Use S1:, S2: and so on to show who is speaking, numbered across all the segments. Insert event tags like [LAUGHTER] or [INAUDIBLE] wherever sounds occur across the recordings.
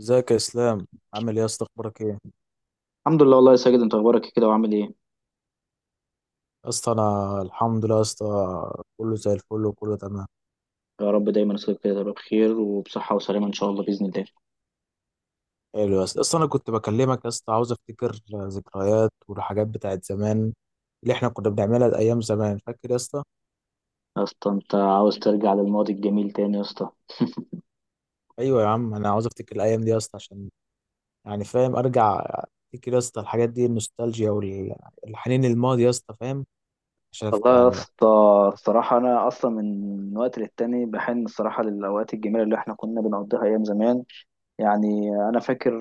S1: ازيك يا اسلام؟ عامل ايه يا اسطى، اخبارك ايه يا
S2: الحمد لله والله يا ساجد، انت اخبارك ايه كده وعامل ايه؟
S1: اسطى؟ انا الحمد لله يا اسطى، كله زي الفل وكله تمام.
S2: يا رب دايما يصيبك كده تبقى بخير وبصحة وسلامة ان شاء الله باذن الله.
S1: حلو يا اسطى، اصلا انا كنت بكلمك يا اسطى عاوز افتكر ذكريات والحاجات بتاعت زمان اللي احنا كنا بنعملها ايام زمان، فاكر يا اسطى؟
S2: يا اسطى، انت عاوز ترجع للماضي الجميل تاني يا اسطى؟
S1: ايوه يا عم، انا عاوز افتكر الايام دي يا اسطى عشان يعني فاهم، ارجع افتكر يا اسطى الحاجات دي، النوستالجيا والحنين للماضي يا اسطى، فاهم؟ عشان
S2: والله يا
S1: يعني.
S2: اسطى، الصراحة انا اصلا من وقت للتاني بحن الصراحة للاوقات الجميلة اللي احنا كنا بنقضيها ايام زمان. يعني انا فاكر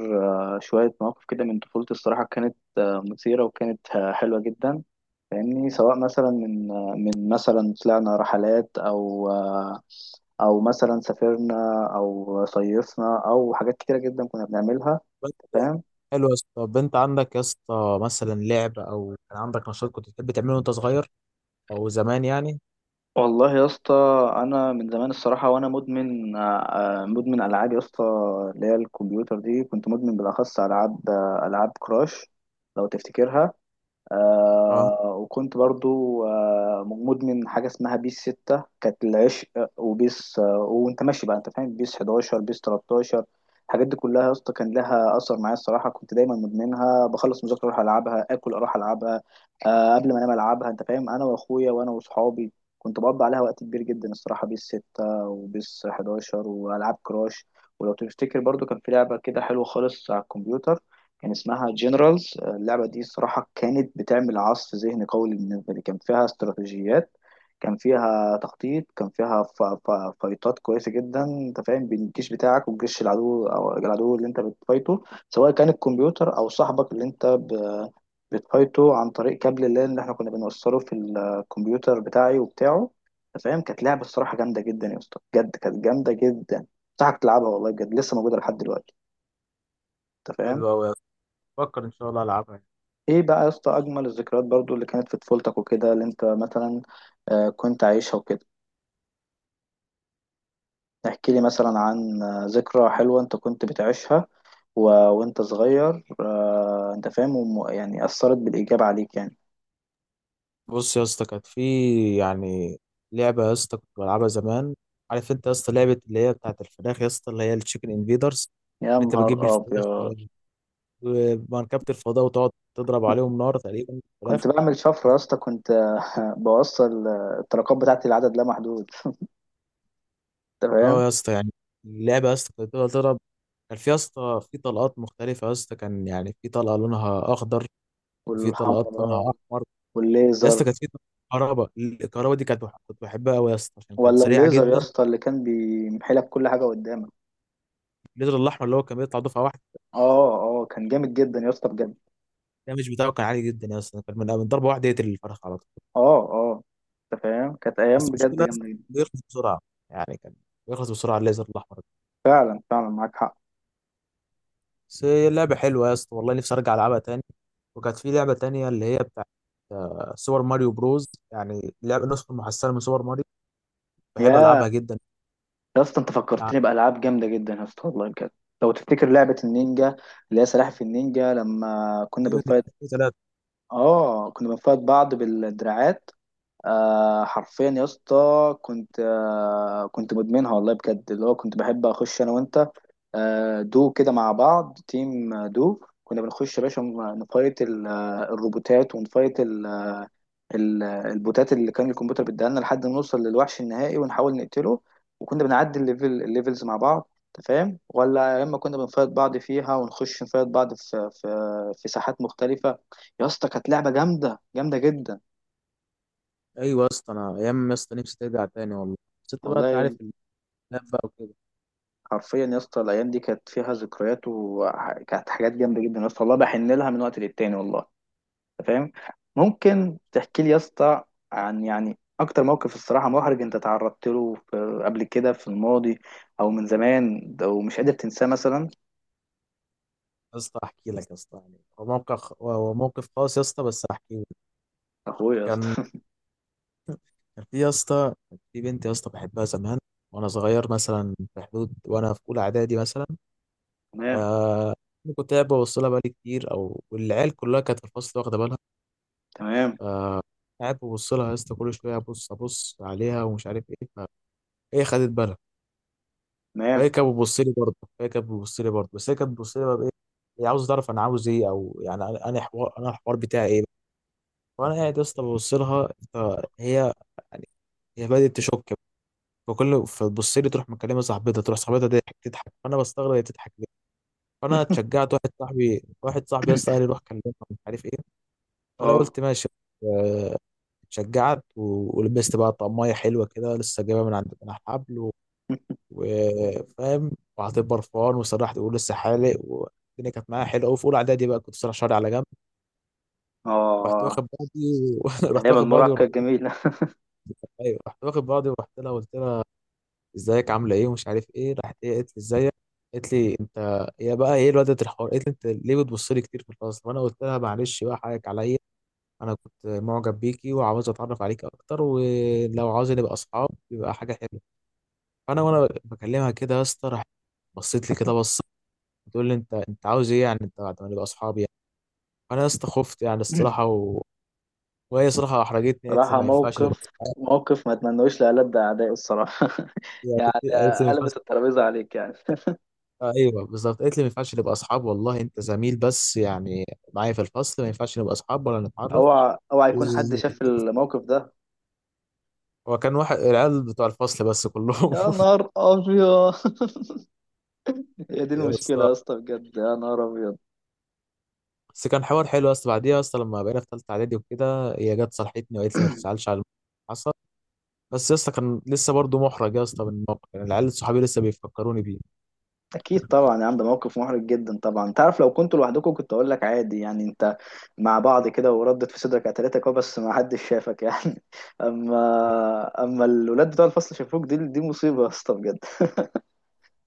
S2: شوية مواقف كده من طفولتي، الصراحة كانت مثيرة وكانت حلوة جدا. فاهمني؟ سواء مثلا من مثلا طلعنا رحلات، او مثلا سافرنا او صيفنا او حاجات كتيره جدا كنا بنعملها. فاهم؟
S1: حلو يا اسطى، طب انت عندك يا اسطى مثلا لعب او كان عندك نشاط كنت بتحب تعمله وانت صغير او زمان يعني؟
S2: والله يا اسطى، انا من زمان الصراحه وانا مدمن العاب يا اسطى، اللي هي الكمبيوتر دي، كنت مدمن بالاخص العاب كراش، لو تفتكرها.
S1: اه.
S2: وكنت برضو مدمن حاجة اسمها بيس 6، كانت العشق. وبيس وانت ماشي بقى، انت فاهم، بيس 11 بيس 13. الحاجات دي كلها يا اسطى كان لها أثر معايا، الصراحة كنت دايما مدمنها. بخلص مذاكرة أروح ألعبها، آكل أروح ألعبها، قبل ما أنام ألعبها. أنت فاهم، أنا وأخويا وأنا وأصحابي كنت بقضي عليها وقت كبير جدا الصراحة. بيس 6 وبيس 11 وألعاب كراش. ولو تفتكر برضو، كان في لعبة كده حلوة خالص على الكمبيوتر، كان اسمها جنرالز. اللعبة دي الصراحة كانت بتعمل عصف ذهني قوي بالنسبة لي. كان فيها استراتيجيات، كان فيها تخطيط، كان فيها فايتات كويسة جدا. انت فاهم، بين الجيش بتاعك والجيش العدو، او العدو اللي انت بتفايته، سواء كان الكمبيوتر او صاحبك اللي انت بتفايته عن طريق كابل اللان اللي احنا كنا بنوصله في الكمبيوتر بتاعي وبتاعه. انت فاهم؟ كانت لعبة الصراحة جامدة جدا يا اسطى، بجد كانت جامدة جدا. انصحك تلعبها والله بجد، لسه موجودة لحد دلوقتي. انت
S1: حلو
S2: فاهم؟
S1: قوي يا اسطى، بفكر ان شاء الله العبها يعني.
S2: ايه بقى يا اسطى اجمل الذكريات برضو اللي كانت في طفولتك وكده، اللي انت مثلا كنت عايشها وكده؟ احكي لي مثلا عن ذكرى حلوة انت كنت بتعيشها وانت صغير، انت فاهم، يعني اثرت بالايجاب عليك يعني.
S1: بص يا اسطى، كانت في يعني لعبه يا اسطى كنت بلعبها زمان، عارف انت يا اسطى لعبه اللي هي بتاعت الفراخ يا اسطى، اللي هي التشيكن انفيدرز،
S2: يا
S1: ان انت بتجيب
S2: نهار
S1: الفراخ
S2: ابيض!
S1: ومركبه الفضاء وتقعد تضرب عليهم نار تقريبا الفراخ.
S2: كنت بعمل شفرة يا اسطى، كنت [LAUGHS] بوصل الطلقات بتاعتي لعدد لا محدود. انت فاهم؟
S1: اه يا اسطى يعني، اللعبه يا اسطى كانت بتفضل تضرب، كان في يا اسطى في طلقات مختلفه يا اسطى، كان يعني في طلقه لونها اخضر، وفي طلقات لونها
S2: والحمراء
S1: احمر. يا اسطى
S2: والليزر.
S1: كانت في طلقات كهرباء، الكهرباء دي كانت كنت بحبها قوي يا اسطى عشان كانت
S2: ولا
S1: سريعه
S2: الليزر يا
S1: جدا.
S2: اسطى اللي كان بيمحي لك كل حاجة قدامك.
S1: الليتر الاحمر اللي هو كان بيطلع دفعه واحده،
S2: اه، اه، كان جامد جدا يا اسطى بجد.
S1: الدمج بتاعه كان عالي جدا يا اسطى، كان من ضربه واحده يقتل الفرخ على طول.
S2: اه، اه، انت فاهم، كانت
S1: بس
S2: ايام
S1: المشكله
S2: بجد
S1: يا اسطى
S2: جامده جدا.
S1: بيخلص بسرعه، يعني كان بيخلص بسرعه الليزر الاحمر ده.
S2: فعلا فعلا معاك حق.
S1: بس هي لعبه حلوه يا اسطى والله، نفسي ارجع العبها تاني. وكانت في لعبه تانيه اللي هي بتاعت سوبر ماريو بروز، يعني لعبه نسخه محسنه من سوبر ماريو، بحب
S2: يا
S1: العبها جدا
S2: يا اسطى انت فكرتني بالعاب جامده جدا يا اسطى والله بجد. لو تفتكر لعبه النينجا اللي هي سلاحف النينجا، لما كنا
S1: يعني.
S2: بنفايت. اه، كنا بنفايت بعض بالدراعات. حرفيا يا اسطى كنت كنت مدمنها والله بجد. اللي هو كنت بحب اخش انا وانت دو كده مع بعض، تيم دو. كنا بنخش يا باشا نفايت الروبوتات، ونفايت البوتات اللي كان الكمبيوتر بيديها لنا لحد ما نوصل للوحش النهائي ونحاول نقتله. وكنا بنعدي الليفل الليفلز مع بعض، انت فاهم؟ ولا يا اما كنا بنفايت بعض فيها، ونخش نفايت بعض في ساحات مختلفة. يا اسطى كانت لعبة جامدة جامدة جدا.
S1: ايوه يا اسطى، انا ايام يا اسطى نفسي ترجع تاني والله، بس انت بقى انت عارف
S2: والله
S1: الخلاف بقى وكده.
S2: حرفيا يا اسطى، الايام دي كانت فيها ذكريات وكانت حاجات جامدة جدا يا اسطى، والله بحن لها من وقت للتاني والله. أنت فاهم؟ ممكن تحكي لي يا اسطى عن يعني اكتر موقف الصراحه محرج انت تعرضت له في قبل كده في الماضي، او من زمان، او مش قادر تنساه مثلا؟
S1: يا اسطى احكي لك يا اسطى، يعني هو موقف، هو موقف خاص يا اسطى، بس احكي لك.
S2: اخويا يا اسطى
S1: كان
S2: [LAUGHS]
S1: كان في يا اسطى، كان في بنت يا اسطى بحبها زمان وانا صغير، مثلا في حدود وانا في اولى اعدادي مثلا.
S2: تمام،
S1: ف كنت قاعد ببص لها بقالي كتير، او والعيال كلها كانت في الفصل واخده بالها.
S2: تمام،
S1: قاعد ببص لها يا اسطى كل شويه، ابص عليها ومش عارف ايه. فهي خدت بالها.
S2: تمام.
S1: فهي كانت بتبص لي برضه، فهي كانت بتبص لي برضه، بس هي كانت بتبص لي بقى بايه؟ هي عاوزه تعرف انا عاوز ايه، او يعني أنا حوار، انا الحوار بتاعي ايه. وانا قاعد يا اسطى ببص لها، هي يعني، هي بدات تشك. فتبص لي، تروح مكلمه صاحبتها، تروح صاحبتها تضحك، فانا بستغرب هي بتضحك ليه. فانا اتشجعت، واحد صاحبي يا اسطى قال
S2: [LAUGHS]
S1: لي روح كلمها مش عارف ايه. فانا
S2: اه،
S1: قلت ماشي. آه، اتشجعت ولبست بقى طقمية حلوة كده، لسه جايبها من عند، من على الحبل، وفاهم. وحطيت برفان وسرحت، تقول لسه حالق، والدنيا كانت معايا حلوه قوي، في اولى اعدادي بقى كنت سرح شعري على جنب. رحت
S2: اه،
S1: واخد بعضي و... [LAUGHS] رحت
S2: ايام
S1: واخد بعضي
S2: المراهقه
S1: ورحت.
S2: الجميله.
S1: ايوه رحت واخد بعضي ورحت لها، قلت لها ازيك عامله ايه ومش عارف ايه، راحت هي قالت لي ازيك. قالت لي انت، هي بقى ايه الواد الحوار، قالت لي انت ليه بتبص لي كتير في الفصل؟ وانا قلت لها معلش بقى حقك عليا، انا كنت معجب بيكي وعاوز اتعرف عليكي اكتر، ولو عاوز نبقى اصحاب يبقى حاجه حلوه. فانا وانا بكلمها كده يا اسطى، راحت بصيت لي كده، بص بتقول لي انت عاوز ايه يعني، انت بعد ما نبقى اصحاب يعني؟ فانا يا اسطى خفت يعني الصراحه،
S2: [LAUGHS]
S1: و... وهي صراحه احرجتني، قالت لي
S2: صراحه
S1: ما ينفعش نبقى
S2: موقف،
S1: اصحاب.
S2: موقف ما اتمنوش لألد اعدائي الصراحه [LAUGHS] يعني
S1: قالت لي ما ينفعش.
S2: قلبت الترابيزه عليك يعني [LAUGHS]
S1: آه ايوه بالظبط، قالت لي ما ينفعش نبقى اصحاب، والله انت زميل بس يعني معايا في الفصل، ما ينفعش نبقى اصحاب ولا نتعرف.
S2: اوعى اوعى يكون حد شاف الموقف ده!
S1: هو كان واحد العيال بتوع الفصل بس كلهم
S2: يا
S1: [LAUGHS]
S2: نهار ابيض [LAUGHS] هي دي
S1: يا
S2: المشكلة
S1: اسطى،
S2: يا اسطى بجد، يا نهار أبيض.
S1: بس كان حوار حلو يا اسطى، بعديها يا اسطى لما بقينا في ثالثه اعدادي وكده، هي جت صالحتني وقالت لي ما تزعلش على اللي حصل. بس يا اسطى كان لسه برضه محرج يا اسطى من الموقف، يعني العيال صحابي لسه بيفكروني بيه.
S2: أكيد طبعا يا عم، ده موقف محرج جدا طبعا. أنت عارف، لو كنتوا لوحدكم كنت أقول لك عادي، يعني أنت مع بعض كده وردت في صدرك قتلتك. أه بس ما حدش شافك يعني [LAUGHS] أما الولاد بتوع الفصل شافوك، دي مصيبة يا اسطى بجد.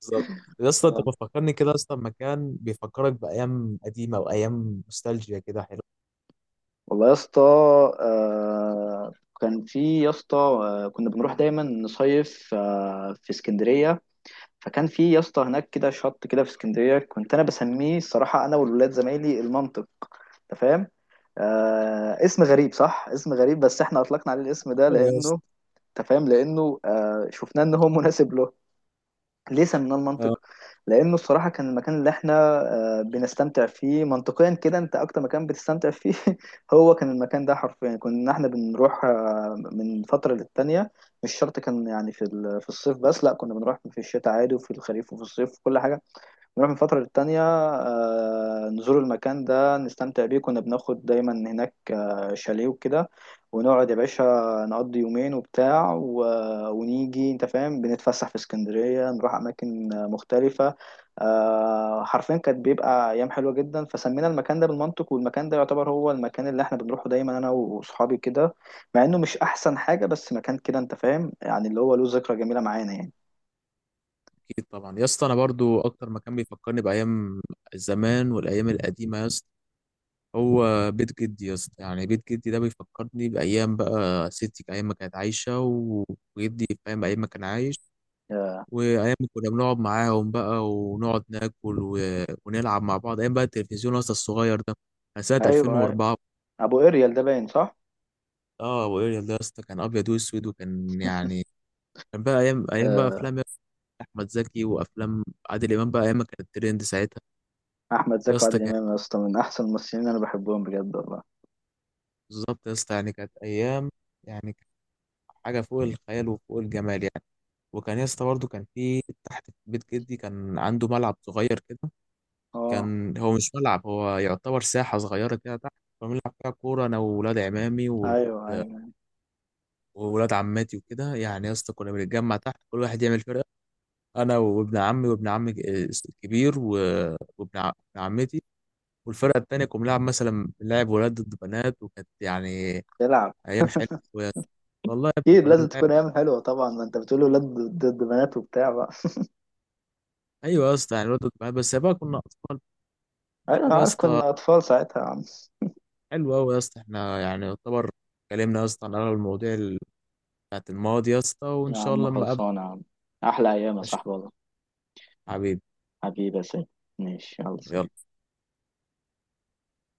S1: بالظبط يا اسطى، انت
S2: آه.
S1: بتفكرني كده يا اسطى بمكان بيفكرك بايام قديمه وايام نوستالجيا كده، حلو
S2: والله يا اسطى، آه كان في يا اسطى كنا بنروح دايما نصيف في اسكندرية. فكان في يا اسطى هناك كده شط كده في اسكندرية، كنت أنا بسميه الصراحة أنا والولاد زمايلي المنطق. انت فاهم؟ اسم غريب صح، اسم غريب، بس احنا اطلقنا عليه الاسم ده
S1: أوي يا اسطى.
S2: لانه، انت فاهم، لانه شفناه ان هو مناسب له. ليه سميناه
S1: اه،
S2: المنطق؟ لانه الصراحه كان المكان اللي احنا بنستمتع فيه منطقيا كده، انت اكتر مكان بتستمتع فيه. [LAUGHS] هو كان المكان ده حرفيا كنا احنا بنروح من فتره للتانيه. مش شرط كان يعني في الصيف بس، لا، كنا بنروح في الشتاء عادي وفي الخريف وفي الصيف وكل حاجه. نروح من فترة للتانية، نزور المكان ده، نستمتع بيه. كنا بناخد دايما هناك شاليه وكده، ونقعد يا باشا نقضي يومين وبتاع ونيجي، انت فاهم، بنتفسح في اسكندرية، نروح أماكن مختلفة. حرفيا كانت بيبقى أيام حلوة جدا. فسمينا المكان ده بالمنطق، والمكان ده يعتبر هو المكان اللي احنا بنروحه دايما أنا وصحابي كده، مع إنه مش أحسن حاجة، بس مكان كده انت فاهم، يعني اللي هو له ذكرى جميلة معانا يعني.
S1: اكيد طبعا يا اسطى، انا برضو اكتر مكان بيفكرني بايام زمان والايام القديمه يا اسطى هو بيت جدي يا اسطى، يعني بيت جدي ده بيفكرني بايام، بقى ستي ايام ما كانت عايشه وجدي فاهم ايام ما كان عايش.
S2: آه،
S1: وايام ما كنا بنقعد معاهم بقى ونقعد ناكل ونلعب مع بعض، ايام بقى التلفزيون يا اسطى الصغير ده كان سنه
S2: أيوه أيوة.
S1: 2004.
S2: أبو إريال ده باين، صح؟
S1: اه ابو اريال ده يا اسطى كان ابيض واسود وكان يعني، كان بقى ايام بقى افلام يا اسطى، احمد زكي وافلام عادل امام، بقى ايام ما كانت ترند ساعتها.
S2: احمد
S1: يا
S2: زكي
S1: اسطى
S2: وعادل
S1: كان
S2: امام يا اسطى من احسن الممثلين اللي انا بحبهم بجد والله.
S1: بالظبط يا اسطى، يعني كانت ايام، يعني كانت حاجه فوق الخيال وفوق الجمال يعني. وكان يا اسطى برضه كان في تحت في بيت جدي كان عنده ملعب صغير كده،
S2: اه،
S1: كان هو مش ملعب، هو يعتبر ساحه صغيره كده تحت، كنا بنلعب فيها كوره انا واولاد عمامي
S2: ايوه، ايوه،
S1: وولاد عماتي وكده يعني يا اسطى. كنا بنتجمع تحت، كل واحد يعمل فرقه، انا وابن عمي وابن عمي الكبير ابن عمتي، والفرقه التانيه كنا بنلعب مثلا ولاد ضد بنات، وكانت يعني
S2: يلعب.
S1: ايام حلوه يا اسطى. والله يا ابني
S2: اكيد
S1: كنا
S2: لازم
S1: بنلعب.
S2: تكون ايام حلوه طبعا، ما انت بتقول ولاد ضد بنات وبتاع بقى.
S1: ايوه يا اسطى يعني ولاد ضد بنات، بس بقى كنا اطفال
S2: ايوه انا
S1: كده يا
S2: عارف
S1: اسطى.
S2: كنا اطفال ساعتها يا عم.
S1: حلو قوي يا اسطى، احنا يعني يعتبر اتكلمنا يا اسطى عن اغلب المواضيع بتاعت الماضي يا اسطى، وان
S2: يا
S1: شاء
S2: عم
S1: الله لما اقابلك.
S2: خلصانه يا عم، احلى ايام يا
S1: ماشي،
S2: صاحبي والله.
S1: حبيبي،
S2: حبيبي يا سيد. ماشي، يلا سلام.
S1: يلا.